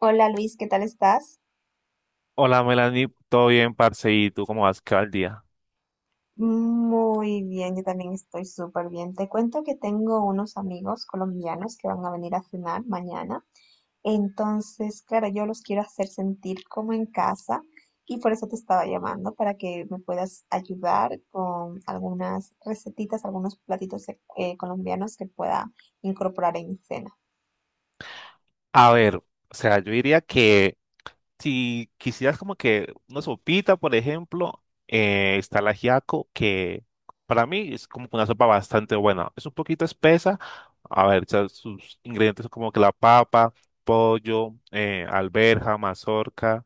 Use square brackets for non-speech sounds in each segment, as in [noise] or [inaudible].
Hola Luis, ¿qué tal estás? Hola Melanie, ¿todo bien, parce? ¿Y tú cómo vas? ¿Qué va el día? Muy bien, yo también estoy súper bien. Te cuento que tengo unos amigos colombianos que van a venir a cenar mañana. Entonces, claro, yo los quiero hacer sentir como en casa y por eso te estaba llamando para que me puedas ayudar con algunas recetitas, algunos platitos colombianos que pueda incorporar en mi cena. A ver, o sea, yo diría que si quisieras como que una sopita, por ejemplo, está el ajiaco, que para mí es como que una sopa bastante buena. Es un poquito espesa, a ver, o sea, sus ingredientes son como que la papa, pollo, alberja, mazorca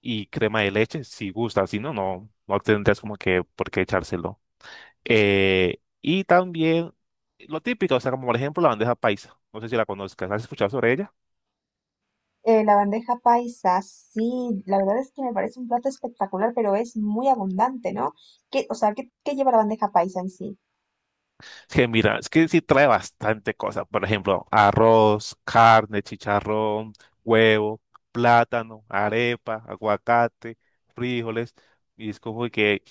y crema de leche, si gusta, si no, no tendrías como que por qué echárselo. Y también lo típico, o sea, como por ejemplo la bandeja paisa. No sé si la conozcas, ¿has escuchado sobre ella? La bandeja paisa, sí, la verdad es que me parece un plato espectacular, pero es muy abundante, ¿no? ¿O sea, qué lleva la bandeja paisa en sí? Que mira, es que sí trae bastante cosas. Por ejemplo, arroz, carne, chicharrón, huevo, plátano, arepa, aguacate, frijoles. Y es como que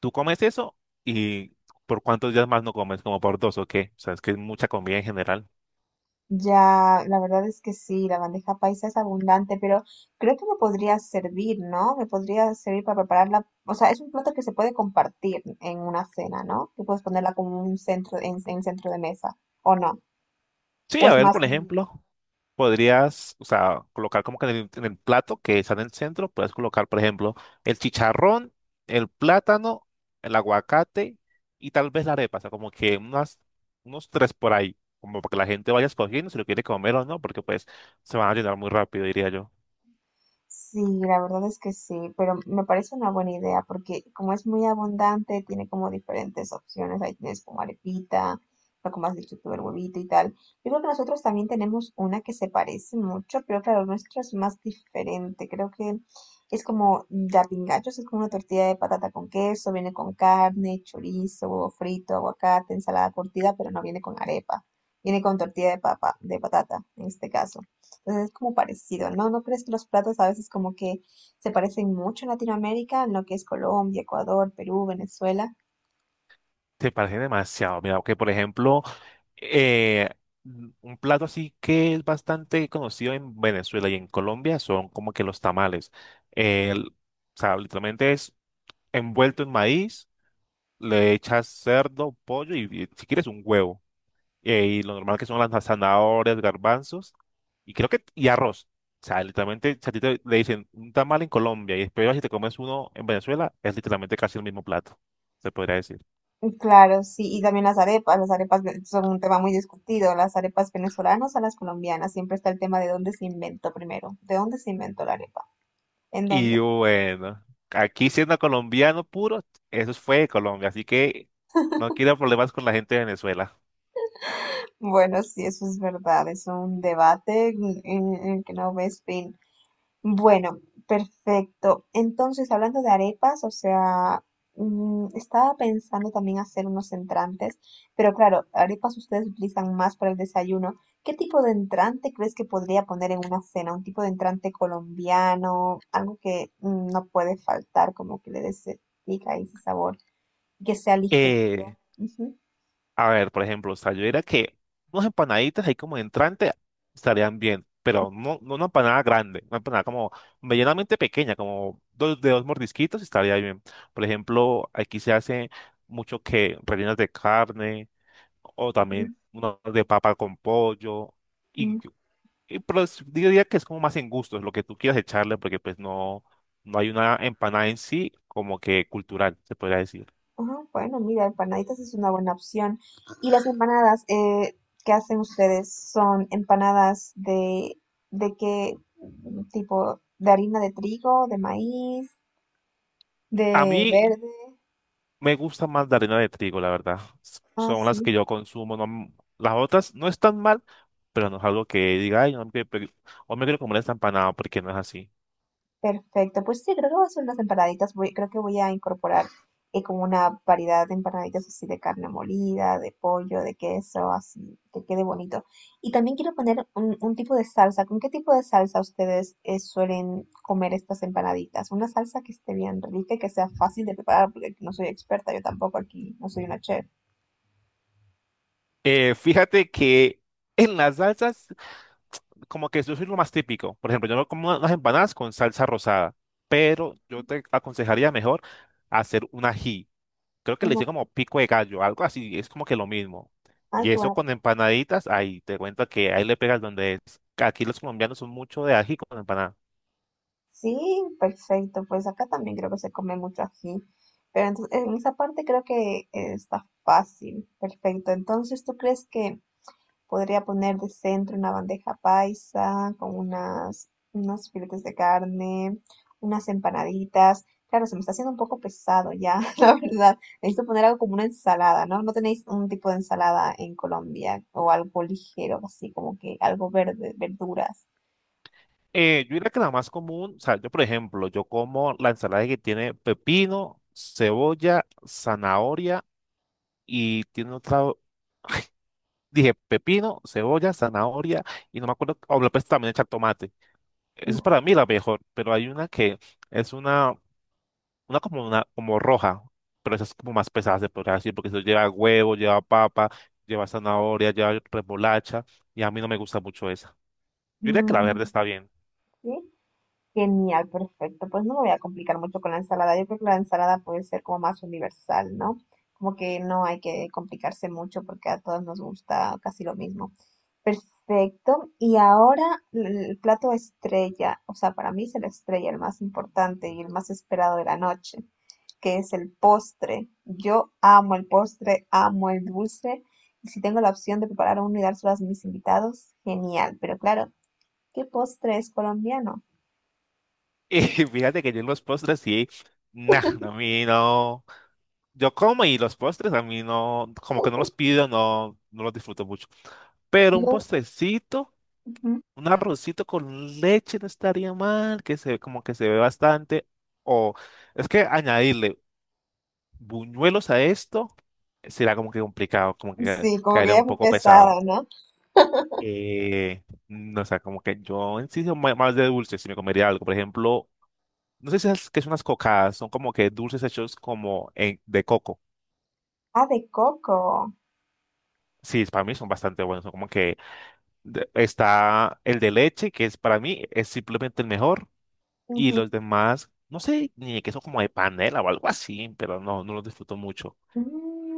tú comes eso y por cuántos días más no comes, como por dos o qué. O sea, es que es mucha comida en general. Ya, la verdad es que sí, la bandeja paisa es abundante, pero creo que me podría servir, ¿no? Me podría servir para prepararla. O sea, es un plato que se puede compartir en una cena, ¿no? Tú puedes ponerla como un centro, en centro de mesa, ¿o no? Sí, ¿O a es ver, más? por ejemplo. Podrías, o sea, colocar como que en en el plato que está en el centro, puedes colocar, por ejemplo, el chicharrón, el plátano, el aguacate y tal vez la arepa, o sea, como que unos tres por ahí, como para que la gente vaya escogiendo si lo quiere comer o no, porque pues se van a llenar muy rápido, diría yo. Sí, la verdad es que sí, pero me parece una buena idea porque como es muy abundante, tiene como diferentes opciones. Ahí tienes como arepita, lo como has dicho tú, el huevito y tal. Yo creo que nosotros también tenemos una que se parece mucho, pero claro, nuestra es más diferente. Creo que es como la pingachos, es como una tortilla de patata con queso, viene con carne, chorizo, huevo frito, aguacate, ensalada curtida, pero no viene con arepa. Viene con tortilla de papa, de patata en este caso es como parecido, ¿no? ¿No crees que los platos a veces como que se parecen mucho en Latinoamérica, en lo que es Colombia, Ecuador, Perú, Venezuela? Te parece demasiado. Mira, que por ejemplo, eh, un plato así que es bastante conocido en Venezuela y en Colombia son como que los tamales. El- o sea, literalmente es envuelto en maíz, le echas cerdo, pollo y si quieres un huevo. Y lo normal que son las zanahorias, garbanzos y creo que y arroz. O sea, literalmente, si a ti le dicen un tamal en Colombia y después vas y te comes uno en Venezuela, es literalmente casi el mismo plato, se podría decir. Claro, sí, y también las arepas, son un tema muy discutido, las arepas venezolanas a las colombianas, siempre está el tema de dónde se inventó primero, de dónde se inventó la arepa, en dónde. Y bueno, aquí siendo colombiano puro, eso fue de Colombia, así que no quiero problemas con la gente de Venezuela. Bueno, sí, eso es verdad, es un debate en el que no ves fin. Bueno, perfecto. Entonces, hablando de arepas, o sea, estaba pensando también hacer unos entrantes, pero claro, arepas ustedes utilizan más para el desayuno. ¿Qué tipo de entrante crees que podría poner en una cena? ¿Un tipo de entrante colombiano? Algo que no puede faltar, como que le dé ese pica y ese sabor, que sea ligerito. Eh, Ujú. A ver, por ejemplo, o sea, yo diría que unas empanaditas ahí como de entrante estarían bien, pero no una empanada grande, una empanada como medianamente pequeña, como dos, de dos mordisquitos estaría bien. Por ejemplo, aquí se hace mucho que rellenas de carne o también uno de papa con pollo y, y pero yo diría que es como más en gustos lo que tú quieras echarle porque pues no, no hay una empanada en sí como que cultural, se podría decir. Ah, bueno, mira, empanaditas es una buena opción. ¿Y las empanadas que hacen ustedes son empanadas de qué tipo? ¿De harina de trigo, de maíz, A de mí verde? me gusta más la harina de trigo, la verdad. Ah, Son las que sí. yo consumo. Las otras no están mal, pero no es algo que diga, ay, no me quiero, o me quiero comer esta empanada porque no es así. Perfecto, pues sí, creo que voy a hacer unas empanaditas, voy, creo que voy a incorporar como una variedad de empanaditas así de carne molida, de pollo, de queso, así, que quede bonito. Y también quiero poner un tipo de salsa. ¿Con qué tipo de salsa ustedes suelen comer estas empanaditas? Una salsa que esté bien rica y que sea fácil de preparar, porque no soy experta, yo tampoco aquí no soy una chef. Fíjate que en las salsas, como que eso es lo más típico. Por ejemplo, yo me como unas empanadas con salsa rosada, pero yo te aconsejaría mejor hacer un ají. Creo que le Una- hice como pico de gallo, algo así, es como que lo mismo. ay, Y qué eso buena. con empanaditas, ahí te cuento que ahí le pegas donde es. Aquí los colombianos son mucho de ají con empanada. Sí, perfecto. Pues acá también creo que se come mucho ají. Pero entonces, en esa parte creo que está fácil. Perfecto. Entonces, ¿tú crees que podría poner de centro una bandeja paisa con unas, unos filetes de carne, unas empanaditas? Claro, se me está haciendo un poco pesado ya, [laughs] la verdad. Necesito poner algo como una ensalada, ¿no? ¿No tenéis un tipo de ensalada en Colombia o algo ligero, así como que algo verde, verduras? Yo diría que la más común, o sea, yo por ejemplo, yo como la ensalada que tiene pepino, cebolla, zanahoria y tiene otra, dije pepino, cebolla, zanahoria y no me acuerdo, o le puedes también echar tomate. Esa es para mí la mejor, pero hay una que es una, como roja, pero esa es como más pesada, se podría decir, porque eso lleva huevo, lleva papa, lleva zanahoria, lleva remolacha y a mí no me gusta mucho esa. Yo diría que la Mm. verde está bien. ¿Sí? Genial, perfecto. Pues no me voy a complicar mucho con la ensalada. Yo creo que la ensalada puede ser como más universal, ¿no? Como que no hay que complicarse mucho porque a todos nos gusta casi lo mismo. Perfecto. Y ahora el plato estrella, o sea, para mí es el estrella, el más importante y el más esperado de la noche, que es el postre. Yo amo el postre, amo el dulce. Y si tengo la opción de preparar uno y dárselo a mis invitados, genial. Pero claro, ¿qué postre es colombiano? Y [laughs] fíjate que yo en los postres sí, nah, a mí no. Yo como y los postres a mí no, como que no los pido, no los disfruto mucho. Pero un No. postrecito, Ujú. un arrocito con leche no estaría mal, que se como que se ve bastante. O es que añadirle buñuelos a esto será como que complicado, como que Sí, como que caería un ya fue poco pesado. pesado, ¿no? Eh, no, sé como que yo en sí más de dulce, si me comería algo, por ejemplo, no sé si es que son unas cocadas, son como que dulces hechos de coco. Ah, de coco. Sí, para mí son bastante buenos. Son como que está el de leche, que es para mí es simplemente el mejor, y Ujú. los demás, no sé, ni que son como de panela o algo así, pero no, no los disfruto mucho.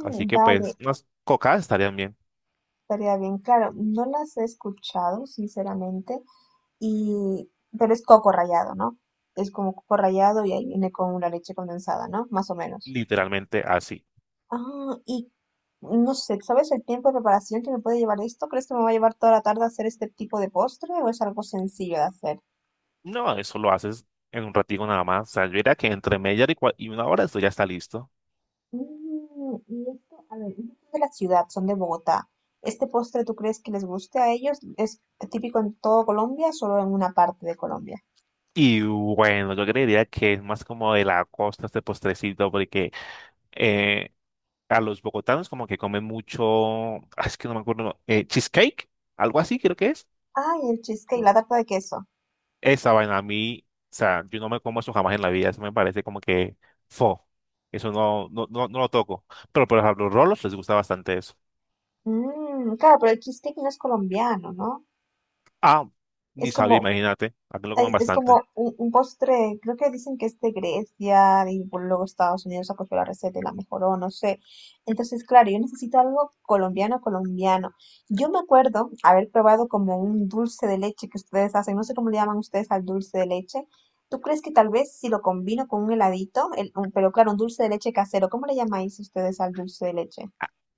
Así que vale, pues unas cocadas estarían bien, estaría bien. Claro, no las he escuchado, sinceramente, y... pero es coco rallado, ¿no? Es como coco rallado y ahí viene con una leche condensada, ¿no? Más o menos. literalmente así. Ah, y no sé, ¿sabes el tiempo de preparación que me puede llevar esto? ¿Crees que me va a llevar toda la tarde hacer este tipo de postre o es algo sencillo de hacer? No, eso lo haces en un ratito nada más. O sea, yo diría que entre media hora y una hora esto ya está listo. Mm, y esto, a ver, ellos son de la ciudad, son de Bogotá. ¿Este postre tú crees que les guste a ellos? ¿Es típico en todo Colombia, o solo en una parte de Colombia? Y bueno, yo creería que es más como de la costa este postrecito, porque eh, a los bogotanos como que comen mucho, ah, es que no me acuerdo, cheesecake, algo así creo que es. Ay, el cheesecake, la tarta de queso. Esa vaina a mí, o sea, yo no me como eso jamás en la vida, eso me parece como que fo, eso no, no, no, no lo toco. Pero por ejemplo, los rolos les gusta bastante eso. Mm, claro, pero el cheesecake no es colombiano, ¿no? Ah, Es ni sabía, como. imagínate, aquí lo comen Es como bastante. Un postre, creo que dicen que es de Grecia y por luego Estados Unidos acogió la receta y la mejoró, no sé. Entonces, claro, yo necesito algo colombiano, colombiano. Yo me acuerdo haber probado como un dulce de leche que ustedes hacen, no sé cómo le llaman ustedes al dulce de leche. ¿Tú crees que tal vez si lo combino con un heladito, pero claro, un dulce de leche casero, ¿cómo le llamáis ustedes al dulce de leche?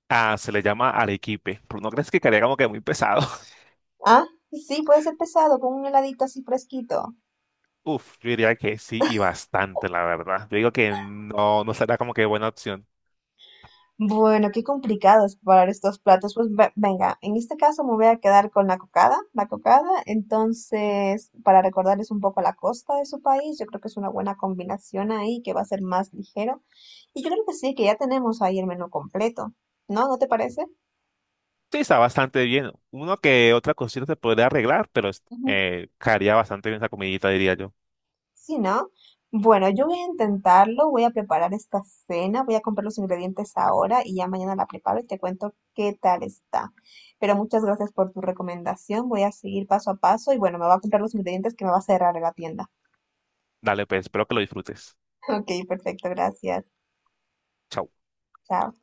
Ah, se le llama arequipe, pero no crees que quedaría como que muy pesado. Ah, sí, puede ser pesado, con un heladito así fresquito. Uf, yo diría que sí y bastante, la verdad. Yo digo que no, no será como que buena opción. Bueno, qué complicado es preparar estos platos. Pues venga, en este caso me voy a quedar con la cocada. La cocada, entonces, para recordarles un poco la costa de su país, yo creo que es una buena combinación ahí, que va a ser más ligero. Y yo creo que sí, que ya tenemos ahí el menú completo, ¿no? ¿No te parece? Sí, está bastante bien. Uno que otra cosita se podría arreglar, pero caería bastante bien esa comidita, diría yo. Sí, ¿no? Bueno, yo voy a intentarlo, voy a preparar esta cena, voy a comprar los ingredientes ahora y ya mañana la preparo y te cuento qué tal está. Pero muchas gracias por tu recomendación, voy a seguir paso a paso y bueno, me va a comprar los ingredientes que me va a cerrar la tienda. Dale, pues, espero que lo disfrutes. [laughs] Ok, perfecto, gracias. Chao. Chao.